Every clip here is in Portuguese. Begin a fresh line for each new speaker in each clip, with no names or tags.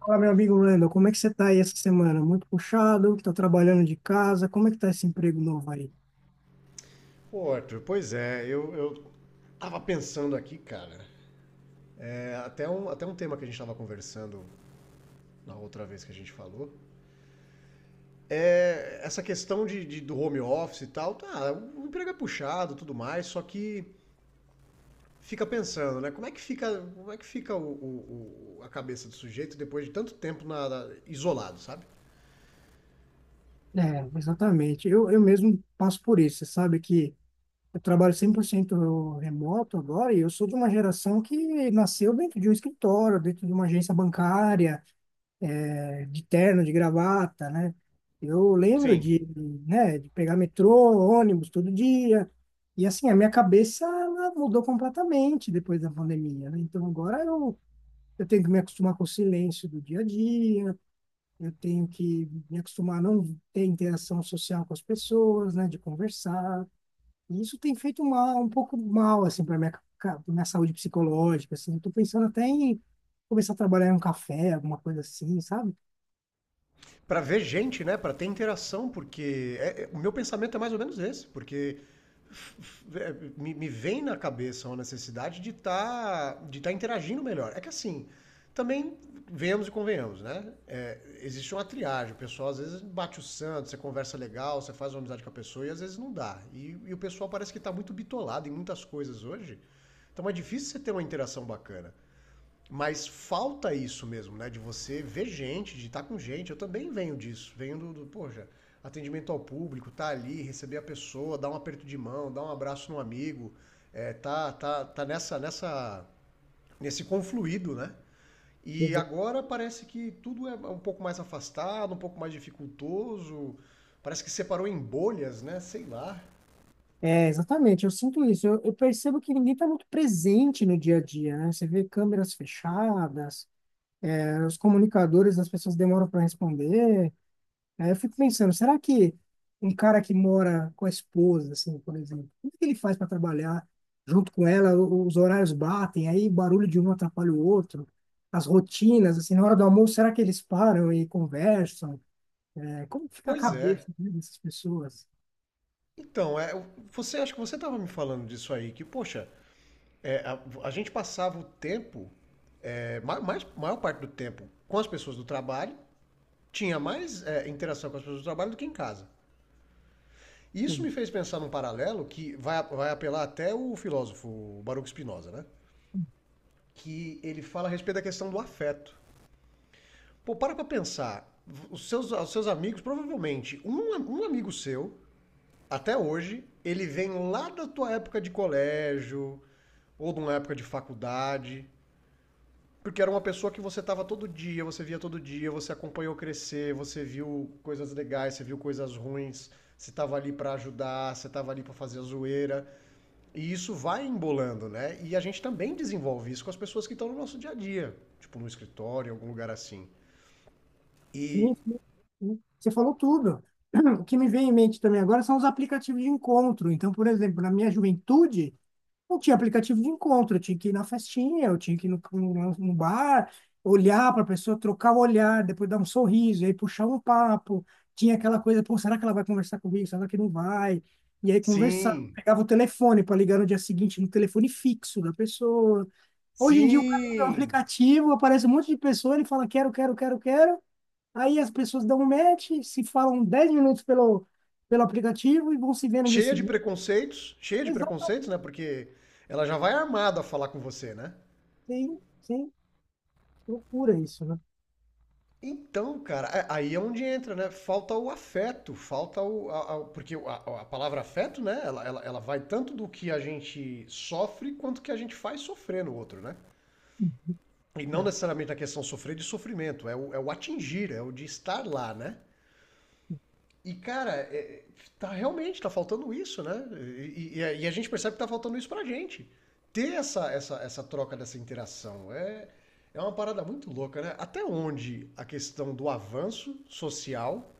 Fala, meu amigo Wendel, como é que você tá aí essa semana? Muito puxado, tá trabalhando de casa, como é que tá esse emprego novo aí?
Pô, Arthur, pois é, eu tava pensando aqui, cara, até um tema que a gente tava conversando na outra vez que a gente falou, é essa questão do home office e tal, tá, o emprego é puxado e tudo mais, só que fica pensando, né, como é que fica, como é que fica a cabeça do sujeito depois de tanto tempo isolado, sabe?
Exatamente. Eu mesmo passo por isso. Você sabe que eu trabalho 100% remoto agora e eu sou de uma geração que nasceu dentro de um escritório, dentro de uma agência bancária, de terno, de gravata, né? Eu lembro
Sim.
de, né, de pegar metrô, ônibus todo dia. E assim, a minha cabeça ela mudou completamente depois da pandemia, né? Então agora eu tenho que me acostumar com o silêncio do dia a dia, eu tenho que me acostumar a não ter interação social com as pessoas, né, de conversar. E isso tem feito mal, um pouco mal, assim, pra minha saúde psicológica, assim. Eu tô pensando até em começar a trabalhar em um café, alguma coisa assim, sabe?
Pra ver gente, né? Pra ter interação, porque o meu pensamento é mais ou menos esse, porque É, me vem na cabeça uma necessidade de estar de tá interagindo melhor. É que assim, também venhamos e convenhamos, né? É, existe uma triagem. O pessoal às vezes bate o santo, você conversa legal, você faz uma amizade com a pessoa e às vezes não dá. E o pessoal parece que está muito bitolado em muitas coisas hoje. Então é difícil você ter uma interação bacana. Mas falta isso mesmo, né? De você ver gente, de estar com gente. Eu também venho disso. Venho do poxa, atendimento ao público, tá ali, receber a pessoa, dar um aperto de mão, dar um abraço no amigo. É, tá nesse confluído, né? E
Exa-
agora parece que tudo é um pouco mais afastado, um pouco mais dificultoso. Parece que separou em bolhas, né? Sei lá.
É, exatamente, eu sinto isso. Eu percebo que ninguém está muito presente no dia a dia, né? Você vê câmeras fechadas, os comunicadores, as pessoas demoram para responder. Aí eu fico pensando, será que um cara que mora com a esposa, assim, por exemplo, como é que ele faz para trabalhar junto com ela? Os horários batem, aí o barulho de um atrapalha o outro, as rotinas, assim, na hora do almoço, será que eles param e conversam? É, como fica a
Pois é.
cabeça, né, dessas pessoas?
Então, é, você acha que você estava me falando disso aí, que, poxa, é, a, a gente passava o tempo maior parte do tempo com as pessoas do trabalho, tinha mais é, interação com as pessoas do trabalho do que em casa. Isso me
Hum,
fez pensar num paralelo que vai apelar até o filósofo Baruch Spinoza, né? Que ele fala a respeito da questão do afeto. Pô, para pra pensar. Os seus amigos, provavelmente, um amigo seu, até hoje, ele vem lá da tua época de colégio, ou de uma época de faculdade, porque era uma pessoa que você estava todo dia, você via todo dia, você acompanhou crescer, você viu coisas legais, você viu coisas ruins, você estava ali para ajudar, você estava ali para fazer a zoeira. E isso vai embolando, né? E a gente também desenvolve isso com as pessoas que estão no nosso dia a dia, tipo no escritório, em algum lugar assim. E
hum, Você falou tudo. O que me vem em mente também agora são os aplicativos de encontro. Então, por exemplo, na minha juventude, não tinha aplicativo de encontro, eu tinha que ir na festinha, eu tinha que ir no bar, olhar para a pessoa, trocar o olhar, depois dar um sorriso, e aí puxar um papo. Tinha aquela coisa, pô, será que ela vai conversar comigo? Será que não vai? E aí conversar.
sim,
Pegava o telefone para ligar no dia seguinte no telefone fixo da pessoa. Hoje em dia o cara abre um
sim,
aplicativo, aparece um monte de pessoa, ele fala quero, quero, quero, quero. Aí as pessoas dão um match, se falam 10 minutos pelo, pelo aplicativo e vão se ver no dia seguinte.
cheia de preconceitos,
Exatamente.
né? Porque ela já vai armada a falar com você, né?
Sim, sim. Loucura isso, né?
Então, cara, aí é onde entra, né? Falta o afeto, falta porque a palavra afeto, né? Ela vai tanto do que a gente sofre quanto que a gente faz sofrer no outro, né? E não
É,
necessariamente a questão sofrer de sofrimento, é o atingir, é o de estar lá, né?
é
E, cara, tá realmente, tá faltando isso, né? E, e a gente percebe que tá faltando isso pra gente. Ter essa troca, dessa interação. É, é uma parada muito louca, né? Até onde a questão do avanço social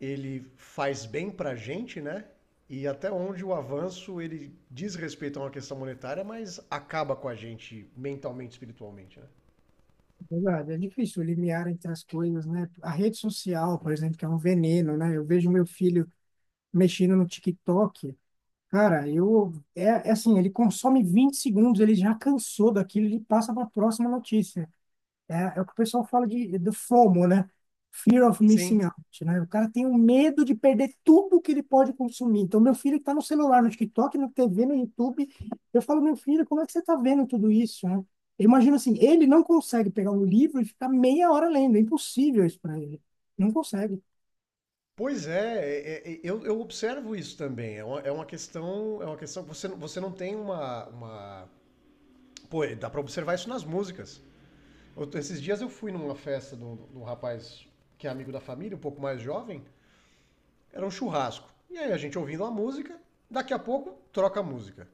ele faz bem para a gente, né? E até onde o avanço ele diz respeito a uma questão monetária, mas acaba com a gente mentalmente, espiritualmente, né?
verdade, é difícil o limiar entre as coisas, né? A rede social, por exemplo, que é um veneno, né? Eu vejo meu filho mexendo no TikTok, cara, é assim, ele consome 20 segundos, ele já cansou daquilo, ele passa para a próxima notícia. É, é o que o pessoal fala do FOMO, né? Fear of missing
Sim.
out, né? O cara tem um medo de perder tudo que ele pode consumir. Então, meu filho está no celular, no TikTok, no TV, no YouTube, eu falo, meu filho, como é que você está vendo tudo isso, né? Eu imagino assim, ele não consegue pegar um livro e ficar meia hora lendo. É impossível isso para ele. Não consegue.
Pois é, é, eu observo isso também. É uma questão, é uma questão. Você, você não tem uma... Pô, dá pra observar isso nas músicas. Esses dias eu fui numa festa de um rapaz que é amigo da família, um pouco mais jovem. Era um churrasco. E aí a gente ouvindo a música, daqui a pouco troca a música.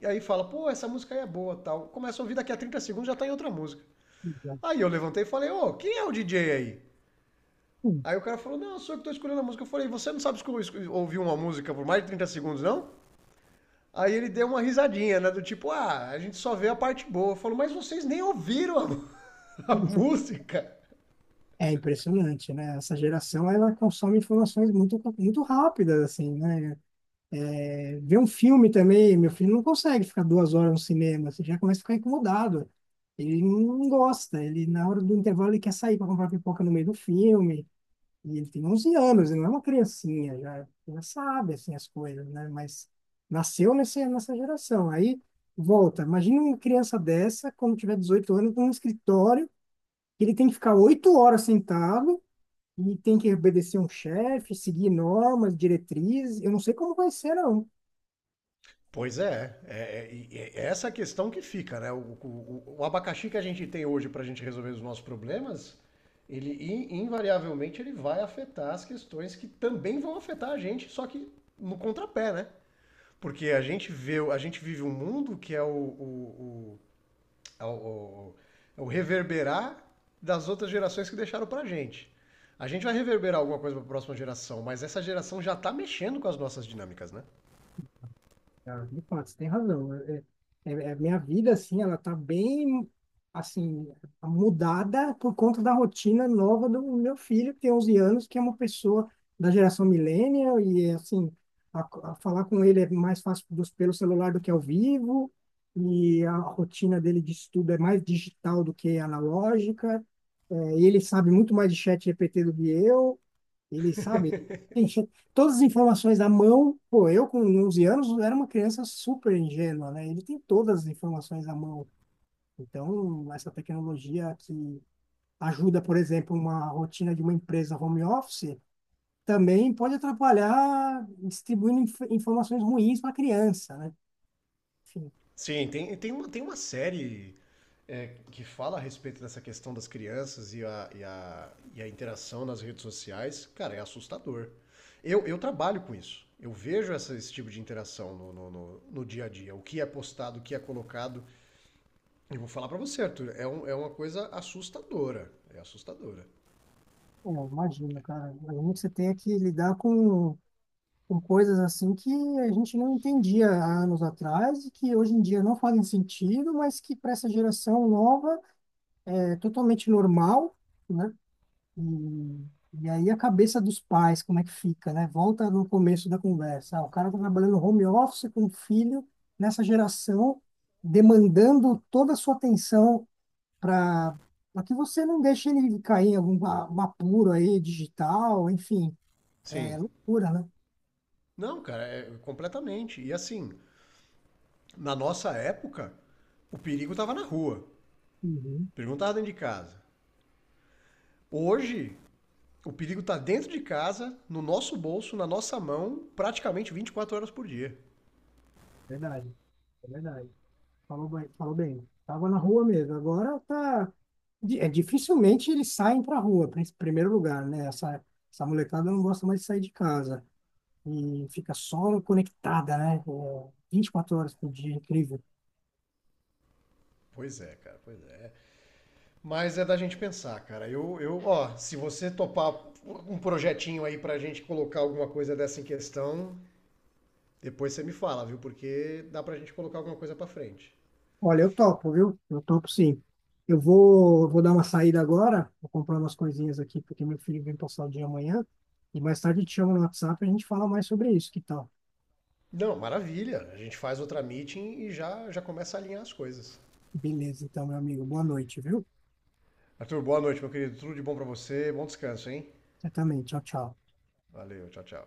E aí fala, pô, essa música aí é boa tal. Começa a ouvir, daqui a 30 segundos já tá em outra música.
Exato.
Aí eu levantei e falei, ô, quem é o DJ aí?
Hum,
Aí o cara falou, não, sou eu que tô escolhendo a música. Eu falei, você não sabe ouvir uma música por mais de 30 segundos, não? Aí ele deu uma risadinha, né? Do tipo, ah, a gente só vê a parte boa. Eu falo, mas vocês nem ouviram a, a
pode ser.
música.
É impressionante, né? Essa geração, ela consome informações muito, muito rápidas, assim, né? Ver um filme também, meu filho não consegue ficar 2 horas no cinema, você já começa a ficar incomodado. Ele não gosta, ele na hora do intervalo ele quer sair para comprar pipoca no meio do filme. E ele tem 11 anos, ele não é uma criancinha, já, já sabe assim, as coisas, né? Mas nessa geração. Aí volta, imagina uma criança dessa, quando tiver 18 anos, num escritório, que ele tem que ficar 8 horas sentado e tem que obedecer um chefe, seguir normas, diretrizes. Eu não sei como vai ser, não.
Pois é, é essa a questão que fica, né? O abacaxi que a gente tem hoje para a gente resolver os nossos problemas, ele invariavelmente ele vai afetar as questões que também vão afetar a gente, só que no contrapé, né? Porque a gente vê, a gente vive um mundo que é é o- o- é o reverberar das outras gerações que deixaram pra gente. A gente vai reverberar alguma coisa para a próxima geração, mas essa geração já tá mexendo com as nossas dinâmicas, né?
Ah, de fato, você tem razão. Minha vida, assim, ela tá bem, assim, mudada por conta da rotina nova do meu filho, que tem 11 anos, que é uma pessoa da geração millennial, e, assim, a, a falar com ele é mais fácil pelo celular do que ao vivo, e a rotina dele de estudo é mais digital do que analógica, e ele sabe muito mais de chat GPT do que eu, ele sabe, enfim, todas as informações na mão. Pô, eu com 11 anos era uma criança super ingênua, né? Ele tem todas as informações na mão. Então, essa tecnologia que ajuda, por exemplo, uma rotina de uma empresa home office, também pode atrapalhar distribuindo informações ruins para a criança, né? Enfim,
Sim, tem uma série é, que fala a respeito dessa questão das crianças e e a interação nas redes sociais, cara, é assustador. Eu trabalho com isso. Eu vejo essa, esse tipo de interação no dia a dia. O que é postado, o que é colocado. E vou falar pra você, Arthur, é, é uma coisa assustadora. É assustadora.
é, imagina, cara. Imagina que você tenha que lidar com coisas assim que a gente não entendia há anos atrás e que hoje em dia não fazem sentido, mas que para essa geração nova é totalmente normal, né? E, e aí a cabeça dos pais, como é que fica, né? Volta no começo da conversa. Ah, o cara tá trabalhando home office com o filho nessa geração, demandando toda a sua atenção para para que você não deixe ele cair em algum um apuro aí digital, enfim,
Sim.
pura, né?
Não, cara, é completamente. E assim, na nossa época, o perigo tava na rua.
Uhum,
O perigo não tava dentro de casa. Hoje, o perigo está dentro de casa, no nosso bolso, na nossa mão, praticamente 24 horas por dia.
verdade, é verdade. Falou bem, falou bem. Tava na rua mesmo. Agora tá. É, dificilmente eles saem pra rua, em primeiro lugar, né? Essa molecada não gosta mais de sair de casa. E fica só conectada, né? É, 24 horas por dia, incrível.
Pois é, cara, pois é. Mas é da gente pensar, cara. Ó, se você topar um projetinho aí pra gente colocar alguma coisa dessa em questão, depois você me fala, viu? Porque dá pra gente colocar alguma coisa pra frente.
Olha, eu topo, viu? Eu topo sim. Vou dar uma saída agora, vou comprar umas coisinhas aqui, porque meu filho vem passar o dia amanhã. E mais tarde eu te chamo no WhatsApp e a gente fala mais sobre isso, que tal?
Não, maravilha. A gente faz outra meeting e já começa a alinhar as coisas.
Beleza, então, meu amigo. Boa noite, viu?
Arthur, boa noite, meu querido. Tudo de bom pra você. Bom descanso, hein?
Você também. Tchau, tchau.
Valeu, tchau, tchau.